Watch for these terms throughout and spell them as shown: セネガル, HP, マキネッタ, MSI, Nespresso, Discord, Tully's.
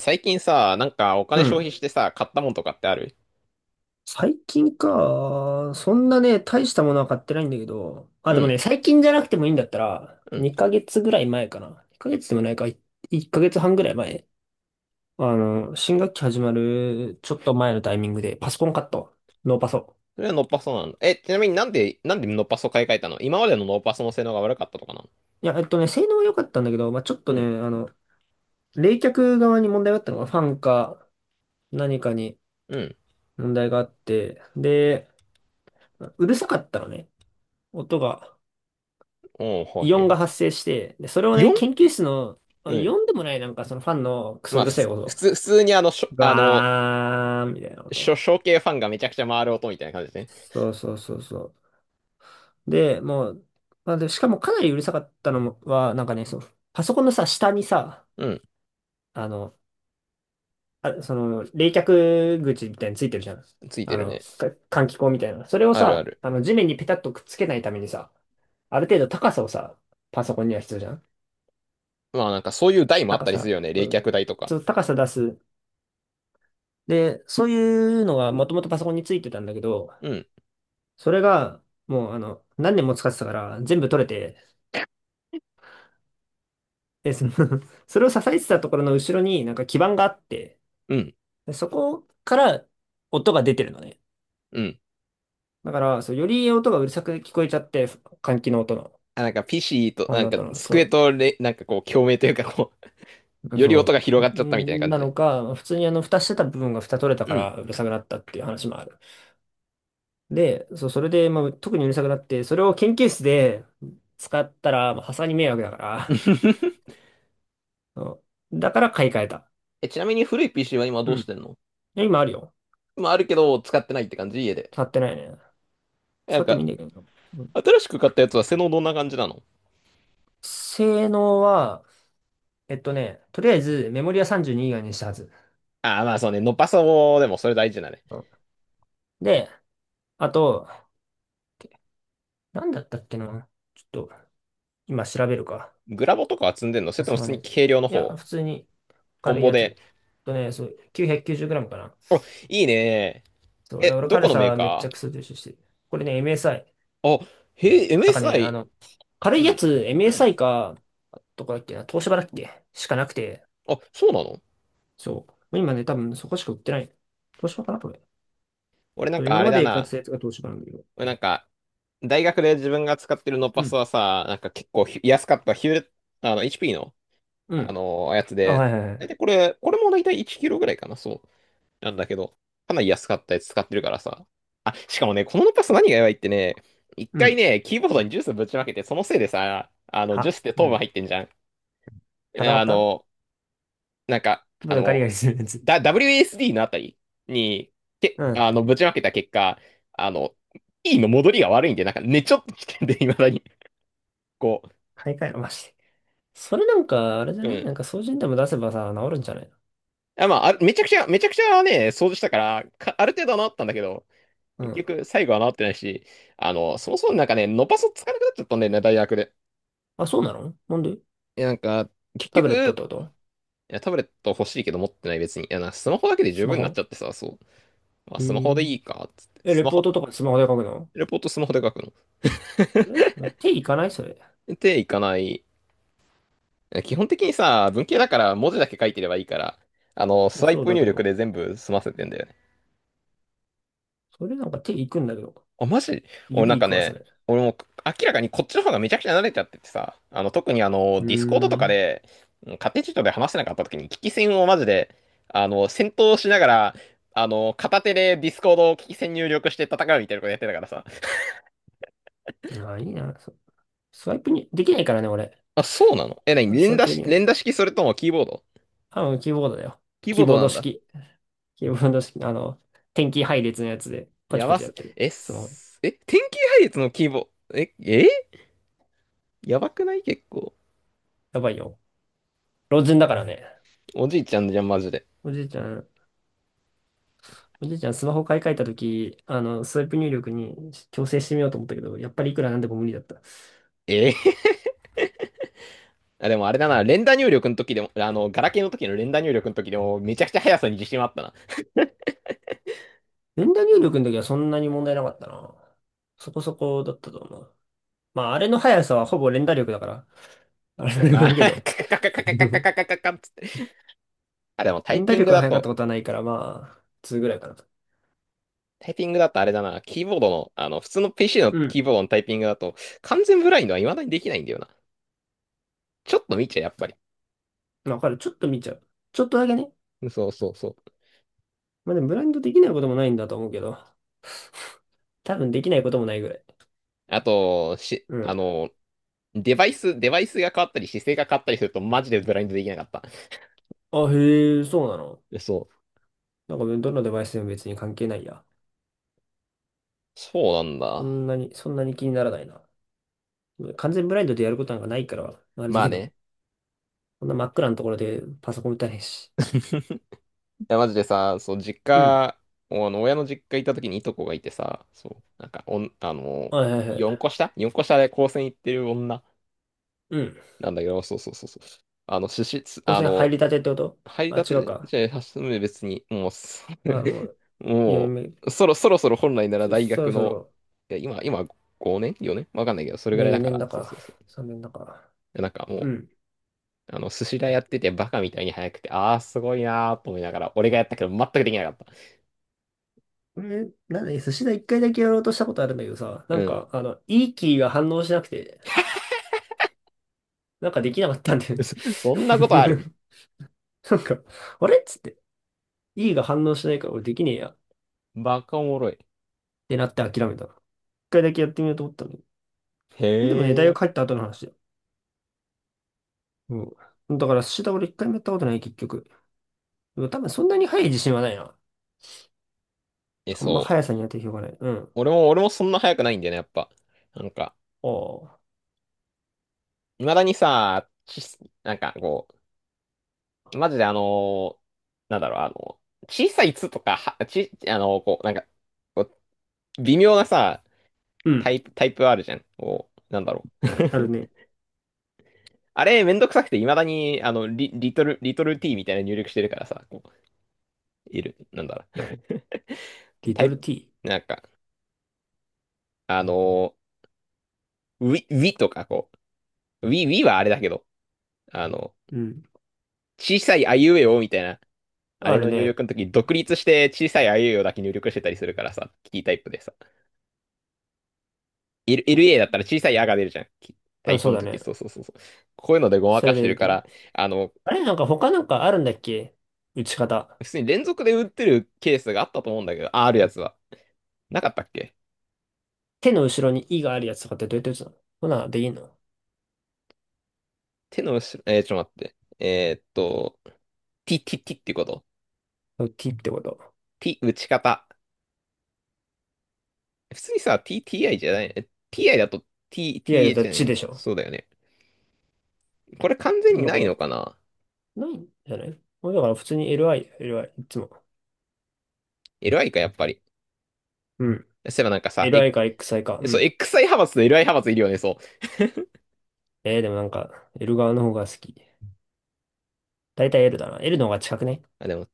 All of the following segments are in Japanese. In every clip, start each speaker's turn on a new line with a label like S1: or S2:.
S1: 最近さ、なんかお
S2: う
S1: 金消
S2: ん。
S1: 費してさ、買ったもんとかってある？
S2: 最近か。そんなね、大したものは買ってないんだけど。あ、
S1: う
S2: でも
S1: ん、
S2: ね、最近じゃなくてもいいんだったら、
S1: うん。
S2: 2ヶ月ぐらい前かな。2ヶ月でもないか、1ヶ月半ぐらい前。新学期始まるちょっと前のタイミングで、パソコン買った。ノーパソ。
S1: それはノッパソなんだ。え、ちなみになんでノッパソ買い替えたの？今までのノッパソの性能が悪かったとかなの？
S2: いや、性能は良かったんだけど、まあ、ちょっと
S1: う
S2: ね、
S1: ん、
S2: 冷却側に問題があったのが、ファンか何かに
S1: うん。
S2: 問題があって、で、うるさかったのね。音が。
S1: おお、は
S2: イ
S1: い
S2: オ
S1: は
S2: ン
S1: い
S2: が
S1: は
S2: 発生して、で、それを
S1: い。
S2: ね、
S1: 4？
S2: 研究室の、
S1: う
S2: イ
S1: ん。
S2: オンでもない、なんかそのファンのクソ
S1: まあ、
S2: うる
S1: 普
S2: さ
S1: 通、
S2: い
S1: 普
S2: 音、
S1: 通、普通にあの、しょ、あの、
S2: ガーンみたいなこ
S1: し
S2: と。
S1: ょ、小系ファンがめちゃくちゃ回る音みたいな感じでね。
S2: そうそうそうそう。で、もう、まあ、で、しかもかなりうるさかったのもは、なんかね、そう、パソコンのさ、下にさ、
S1: うん。
S2: あの、あ、その、冷却口みたいについてるじゃん。
S1: ついてるね。
S2: 換気口みたいな。それを
S1: あるあ
S2: さ、
S1: る。
S2: 地面にペタッとくっつけないためにさ、ある程度高さをさ、パソコンには必要じゃん。
S1: まあなんかそういう台もあっ
S2: 高
S1: たりする
S2: さ、
S1: よね。冷
S2: う
S1: 却
S2: ん、
S1: 台とか。
S2: そう高さ出す。で、そういうのがもともとパソコンについてたんだけど、
S1: うん、
S2: それがもう何年も使ってたから全部取れて、で、その それを支えてたところの後ろになんか基板があって、
S1: うん、
S2: でそこから音が出てるのね。
S1: うん。
S2: だから、そう、より音がうるさく聞こえちゃって、換気の音の、
S1: あ、なんか PC と、
S2: あ
S1: なん
S2: の
S1: か
S2: 音の、
S1: 机とれ、なんかこう、共鳴というかこう、より音が
S2: そ
S1: 広
S2: う、
S1: がっちゃったみたいな
S2: ん
S1: 感
S2: な
S1: じで。
S2: のか、普通に蓋してた部分が蓋取れた
S1: う
S2: から
S1: ん。
S2: うるさくなったっていう話もある。で、そう、それで、まあ、特にうるさくなって、それを研究室で使ったら、まあ、さすがに迷惑だから、うん、だから買い替えた。
S1: え、ちなみに古い PC は今ど
S2: う
S1: うし
S2: ん。
S1: てんの？
S2: で今あるよ。
S1: まあ、あるけど、使ってないって感じ家で。
S2: 使ってないね。
S1: な
S2: 使
S1: ん
S2: ってもい
S1: か、
S2: いんだけど。うん。
S1: 新しく買ったやつは性能どんな感じなの？
S2: 性能は、とりあえずメモリは32以外にしたはず。
S1: ああ、まあそうね、ノパソでもそれ大事だね。
S2: うん。で、あと、なんだったっけな。ちょっと、今調べるか。
S1: グラボとかは積んでんの？それ
S2: さ
S1: とも
S2: す
S1: 普
S2: が
S1: 通に
S2: ね。
S1: 軽量の
S2: いや、
S1: 方？
S2: 普通に
S1: オン
S2: 軽い
S1: ボ
S2: や
S1: で。
S2: つ。そう、990g かな。
S1: お、いいね。
S2: そう、いや
S1: え、
S2: 俺
S1: どこ
S2: 軽
S1: のメー
S2: さめっち
S1: カ
S2: ゃクソ重視してる。これね、MSI。
S1: ー？あ、へえ、
S2: なんかね、
S1: MSI。
S2: 軽
S1: う
S2: いや
S1: ん、
S2: つ、
S1: うん。
S2: MSI か、どこだっけな、東芝だっけしかなくて、
S1: あ、そうなの？
S2: そう。もう今ね、多分そこしか売ってない。東芝かなこれ。
S1: 俺なん
S2: そう、
S1: か
S2: 今
S1: あれ
S2: ま
S1: だ
S2: で買ってた
S1: な。
S2: やつが東芝なんだけど。
S1: 俺なんか、大学で自分が使ってるノ
S2: う
S1: パソ
S2: ん。
S1: はさ、なんか結構安かったヒューレット、あの、HP の
S2: う
S1: あ
S2: ん。
S1: の、やつ
S2: あ、
S1: で、
S2: はいはいは
S1: 大
S2: い。
S1: 体これも大体1キロぐらいかな、そう。なんだけど、かなり安かったやつ使ってるからさ。あ、しかもね、このノパス何がやばいってね、一
S2: う
S1: 回
S2: ん。
S1: ね、キーボードにジュースぶちまけて、そのせいでさ、あの、ジュー
S2: は、
S1: スって
S2: う
S1: 糖分
S2: ん。
S1: 入ってんじゃん。
S2: 固ま
S1: あ
S2: った。
S1: の、なんか、
S2: ちょっ
S1: あ
S2: とガ
S1: の、
S2: リガリするやつ。
S1: WSD のあたりに、
S2: うん。
S1: あの、ぶちまけた結果、あの、E の戻りが悪いんで、なんか、ね、ちょっと危険で、未だに、こ
S2: 買い替えろ、マジで。それなんか、あれじゃ
S1: う、う
S2: ない、なん
S1: ん。
S2: か、掃除にでも出せばさ、治るんじゃない
S1: あ、まあ、あれめちゃくちゃね、掃除したから、ある程度は治ったんだけど、
S2: の？う
S1: 結
S2: ん。
S1: 局、最後は治ってないし、あの、そもそもなんかね、伸ばすつかなくなっちゃったんだよね、大学で。
S2: あ、そうなの？なんで？
S1: いや、なんか、結
S2: タブレットっ
S1: 局、
S2: てこと？
S1: いや、タブレット欲しいけど持ってない別に。いや、スマホだけで十
S2: スマ
S1: 分になっち
S2: ホ？
S1: ゃってさ、そう。まあ、
S2: う
S1: スマ
S2: ー
S1: ホでいい
S2: ん。
S1: か、つって。
S2: え、
S1: ス
S2: レ
S1: マ
S2: ポー
S1: ホ、
S2: トとかスマホで書くの？
S1: レポートスマホで書くの。
S2: え、手いかないそれ。
S1: っていかない。基本的にさ、文系だから文字だけ書いてればいいから、あの、
S2: い
S1: ス
S2: や
S1: ワイ
S2: そう
S1: プ
S2: だ
S1: 入
S2: け
S1: 力
S2: ど。
S1: で全部済ませてんだよね。
S2: それなんか手いくんだけど。
S1: あ、マジ？俺な
S2: 指
S1: ん
S2: い
S1: か
S2: くわ、そ
S1: ね、
S2: れ。
S1: 俺も明らかにこっちの方がめちゃくちゃ慣れちゃっててさ、あの、特にあ
S2: う
S1: の、ディスコード
S2: ー
S1: とか
S2: ん。
S1: で、うん家庭チートで話せなかった時に、危機戦をマジで、あの、戦闘しながら、あの、片手でディスコードを危機戦入力して戦うみたいなことやってたからさ。
S2: あ、いいな。スワイプに、できないからね、俺。
S1: あ、そうなの？え、なに、
S2: ス
S1: 連
S2: ワイ
S1: 打
S2: プで
S1: し、
S2: きない。
S1: 連打式それともキーボード？
S2: 多分キーボードだよ。
S1: キー
S2: キ
S1: ボー
S2: ー
S1: ド
S2: ボー
S1: な
S2: ド
S1: んだ。
S2: 式。キーボード式、点キー配列のやつで、パ
S1: や
S2: チパ
S1: ば
S2: チや
S1: す、
S2: ってる。
S1: え、
S2: スマホ。
S1: すえ、天気配列のキーボード、え、え、やばくない結構？
S2: やばいよ。老人だからね。
S1: おじいちゃんじゃん、マジで。
S2: おじいちゃん、おじいちゃんスマホ買い替えたとき、スワイプ入力に調整してみようと思ったけど、やっぱりいくらなんでも無理だった。
S1: え、あ、でもあれだな、連打入力の時でも、あの、ガラケーの時の連打入力の時でも、めちゃくちゃ速さに自信はあったな。
S2: 連打入力の時はそんなに問題なかったな。そこそこだったと思う。まあ、あれの速さはほぼ連打力だから。あれ
S1: まあ、
S2: だけど。
S1: カカカカカカカ カカカカっつって。あ、でもタイ
S2: 連打
S1: ピン
S2: 力
S1: グ
S2: が
S1: だ
S2: 速かっ
S1: と、
S2: たことはないから、まあ、2ぐらいかなと。
S1: あれだな、キーボードの、あの、普通の PC の
S2: うん。
S1: キーボードのタイピングだと、完全ブラインドは未だにできないんだよな。ちょっと見ちゃう、やっぱり。
S2: まあ、わかる。ちょっと見ちゃう。ちょっとだけね。
S1: そうそうそう。
S2: まあでもブラインドできないこともないんだと思うけど、多分できないこともないぐらい。
S1: あと、
S2: う
S1: あ
S2: ん。
S1: の、デバイスが変わったり、姿勢が変わったりすると、マジでブラインドできなかった。
S2: あ、へえ、そうなの。
S1: そう。
S2: なんかどのデバイスでも別に関係ないや。
S1: そうなん
S2: そ
S1: だ。
S2: んなに、そんなに気にならないな。完全ブラインドでやることなんかないから、あれだ
S1: まあ
S2: けど、
S1: ね。
S2: こんな真っ暗なところでパソコン打たないし。
S1: や、マジでさ、そう、実
S2: うん。
S1: 家、あの親の実家行った時にいとこがいてさ、そう、なんか、おん、あの、
S2: はいはいは
S1: 4
S2: い。
S1: 個下？ 4 個下で高専行ってる女
S2: うん。
S1: なんだけど、そうそうそうそう。あの、
S2: 光
S1: あ
S2: 線入
S1: の、
S2: りたてってこと？
S1: 入り
S2: あ、
S1: た
S2: 違う
S1: て
S2: か。
S1: じゃ初め別に、もう、
S2: あ、もう、4
S1: も
S2: 年目。
S1: う、そろそろ本来なら
S2: そ、
S1: 大
S2: そろ
S1: 学
S2: そ
S1: の、
S2: ろ、
S1: いや、今、5年？ 4 年わかんないけど、それ
S2: い
S1: ぐ
S2: や
S1: らい
S2: よ
S1: だか
S2: 4年
S1: ら、
S2: だ
S1: そう
S2: か、
S1: そうそう。
S2: 3年だか。
S1: でなんか
S2: う
S1: も
S2: ん。
S1: う、あの、寿司屋やっててバカみたいに早くて、ああ、すごいなーと思いながら、俺がやったけど全くできなかった。
S2: え、なんで、寿司だ一回だけやろうとしたことあるんだけどさ、な
S1: う
S2: ん
S1: ん。
S2: か、いいキーが反応しなくて、なんかできなかったんだよ ね。
S1: そそんなことある。
S2: なんか、あれっつって、いいが反応しないから俺できねえや。っ
S1: バカおもろい。
S2: てなって諦めた。一回だけやってみようと思ったのに。
S1: へ
S2: でもね、大学
S1: え。
S2: 入った後の話だよ。うん。だから寿司だ俺一回もやったことない、結局。でも多分そんなに速い自信はないな。
S1: え、
S2: あんま
S1: そう。
S2: 速さには定評がない。うん。
S1: 俺もそんな速くないんだよね、やっぱ。なんか、
S2: ああ。
S1: 未だにさ、なんかこう、マジでーなんだろう、あの、小さい「つ」とか、あのこう、なんか、こう微妙なさ、
S2: う
S1: タ
S2: ん。
S1: イプ、タイプあるじゃん。こう、なんだろう。
S2: あるね。
S1: あれ、めんどくさくて、未だに、あの、リトル T みたいな入力してるからさ、こう、いる、なんだろう。
S2: リ
S1: タ
S2: ト
S1: イ
S2: ル
S1: プ、
S2: T。
S1: なんか、あのウィとか、こう、Wii はあれだけど、あの、
S2: うん。
S1: 小さいあいうえおみたいな、あ
S2: あ
S1: れ
S2: る
S1: の入
S2: ね。
S1: 力の時、独立して小さいあいうえおだけ入力してたりするからさ、キータイプでさ。L、
S2: と、
S1: LA だったら小さいあが出るじゃん。キタ
S2: あ、
S1: イプ
S2: そう
S1: の
S2: だ
S1: 時、
S2: ね。
S1: そうそうそうそう。こういうのでごま
S2: そ
S1: か
S2: れ
S1: し
S2: で
S1: て
S2: 入
S1: る
S2: れて
S1: か
S2: る。
S1: ら、あの、
S2: あれなんか他なんかあるんだっけ？打ち方。
S1: 普通に連続で打ってるケースがあったと思うんだけど、あ、あるやつは。なかったっけ？
S2: 手の後ろに「い」があるやつとかってどうやって打つの？ほな、でいいの？
S1: 手の後ろ、ちょっと待って。えーっと、t, t, t っていうこと？
S2: t ってこと。
S1: t、打ち方。普通にさ、t, ti じゃない。え ti だと t,
S2: いやいや、だ
S1: th
S2: から
S1: じゃな
S2: ち
S1: い。
S2: でしょ。
S1: そうだよね。これ完全に
S2: だ
S1: な
S2: か
S1: い
S2: ら、
S1: のかな？
S2: ないんじゃない？もうだから普通に LI、LI、いつも。
S1: LI か、やっぱり。
S2: うん。
S1: そういえばなんかさ、え、
S2: LI か XI か。う
S1: そう、
S2: ん。
S1: XI 派閥と LI 派閥いるよね、そう。
S2: えー、でもなんか、L 側の方が好き。だいたい L だな。L の方が近くね。
S1: あ、でも、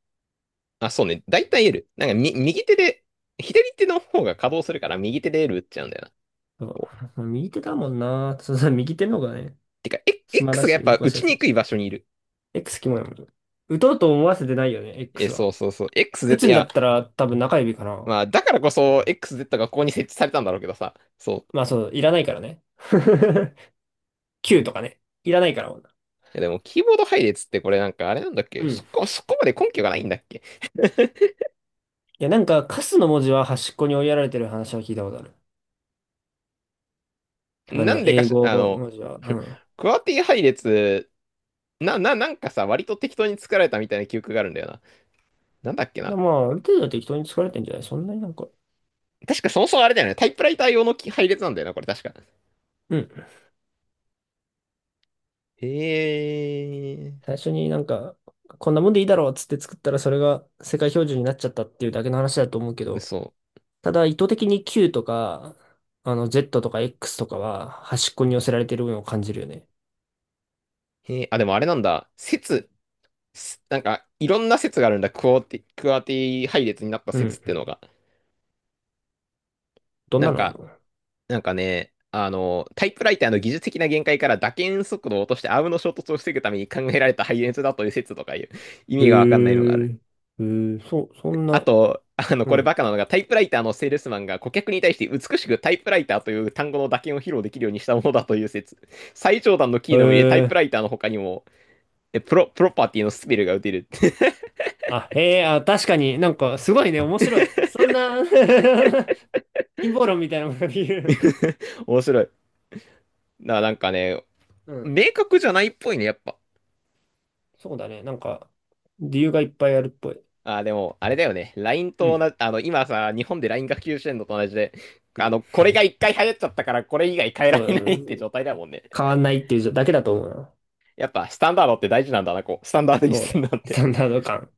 S1: あ、そうね。だいたい L。なんか、右手で、左手の方が稼働するから、右手で L 打っちゃうんだよな。
S2: そ
S1: こ
S2: う。右手だもんな。そうそう、右手の方がね、
S1: てか、え、
S2: 暇だ
S1: X がや
S2: し、
S1: っ
S2: 動
S1: ぱ
S2: か
S1: 打
S2: しや
S1: ち
S2: す
S1: に
S2: い
S1: く
S2: し。
S1: い場所にいる。
S2: X キモいもん。打とうと思わせてないよね、
S1: え、
S2: X
S1: そ
S2: は。
S1: うそうそう。
S2: 打
S1: XZ、
S2: つ
S1: い
S2: んだっ
S1: や、
S2: たら多分中指かな。
S1: まあ、だからこそ、XZ がここに設置されたんだろうけどさ。そう。
S2: まあそう、いらないからね。Q とかね。いらないから、女、
S1: いや、でも、キーボード配列ってこれなんか、あれなんだっけ？
S2: うん。
S1: そ
S2: い
S1: こ、そこまで根拠がないんだっけ？
S2: や、なんか、カスの文字は端っこに追いやられてる話は聞いたことある。
S1: なんでか
S2: 英
S1: し、
S2: 語
S1: あの、
S2: 文字は。うん。
S1: クワーティ配列なんかさ、割と適当に作られたみたいな記憶があるんだよな。なんだっけ
S2: で
S1: な。
S2: も、まあ、ある程度は適当に作られてんじゃない？そんなになんか。
S1: 確かそもそもあれだよね。タイプライター用の配列なんだよな、これ確か。
S2: うん。
S1: へえ、
S2: 最初になんか、こんなもんでいいだろうっつって作ったら、それが世界標準になっちゃったっていうだけの話だと思うけど、
S1: 嘘。
S2: ただ、意図的に Q とか、Z とか X とかは端っこに寄せられてるのを感じるよね。
S1: へえ、あ、でもあれなんだ。説、なんか、いろんな説があるんだ。クアーティ配列になった
S2: う
S1: 説
S2: ん。
S1: ってのが。
S2: どん
S1: なん
S2: なのあん
S1: か、
S2: の？
S1: なんかね、あの、タイプライターの技術的な限界から打鍵速度を落としてアームの衝突を防ぐために考えられた配列だという説とかいう意
S2: へ
S1: 味がわかんないのがあ
S2: え、
S1: る。
S2: へえ、そう、そん
S1: あ
S2: な。
S1: と、あの、
S2: う
S1: これ
S2: ん。
S1: バカなのが、タイプライターのセールスマンが顧客に対して美しくタイプライターという単語の打鍵を披露できるようにしたものだという説。最上段のキー
S2: へ
S1: のみでタイプラ
S2: え。
S1: イターの他にも、え、プロパティのスペルが打てる。
S2: あ、へえ、あ、確かになんかすごいね、面白い。そんな 陰謀論みたいなものと言う。
S1: 面白い。なんかね、
S2: うん。
S1: 明確じゃないっぽいね、やっぱ。
S2: そうだね、なんか理由がいっぱいあるっぽい。
S1: あー、でも、あれだよね。LINE
S2: う
S1: と
S2: ん。
S1: 同じ、あの、今さ、日本で LINE が普及してんのと同じで、
S2: う
S1: あ
S2: ん。
S1: の、これが一回流行っちゃったから、これ以外変えら
S2: そ
S1: れないって
S2: う、
S1: 状態だもんね。
S2: 変わんないっていうだけだと思うな。
S1: やっぱ、スタンダードって大事なんだな、こう。スタンダードに
S2: そう
S1: すん
S2: ね。
S1: なん
S2: スタ
S1: て。
S2: ンダード感。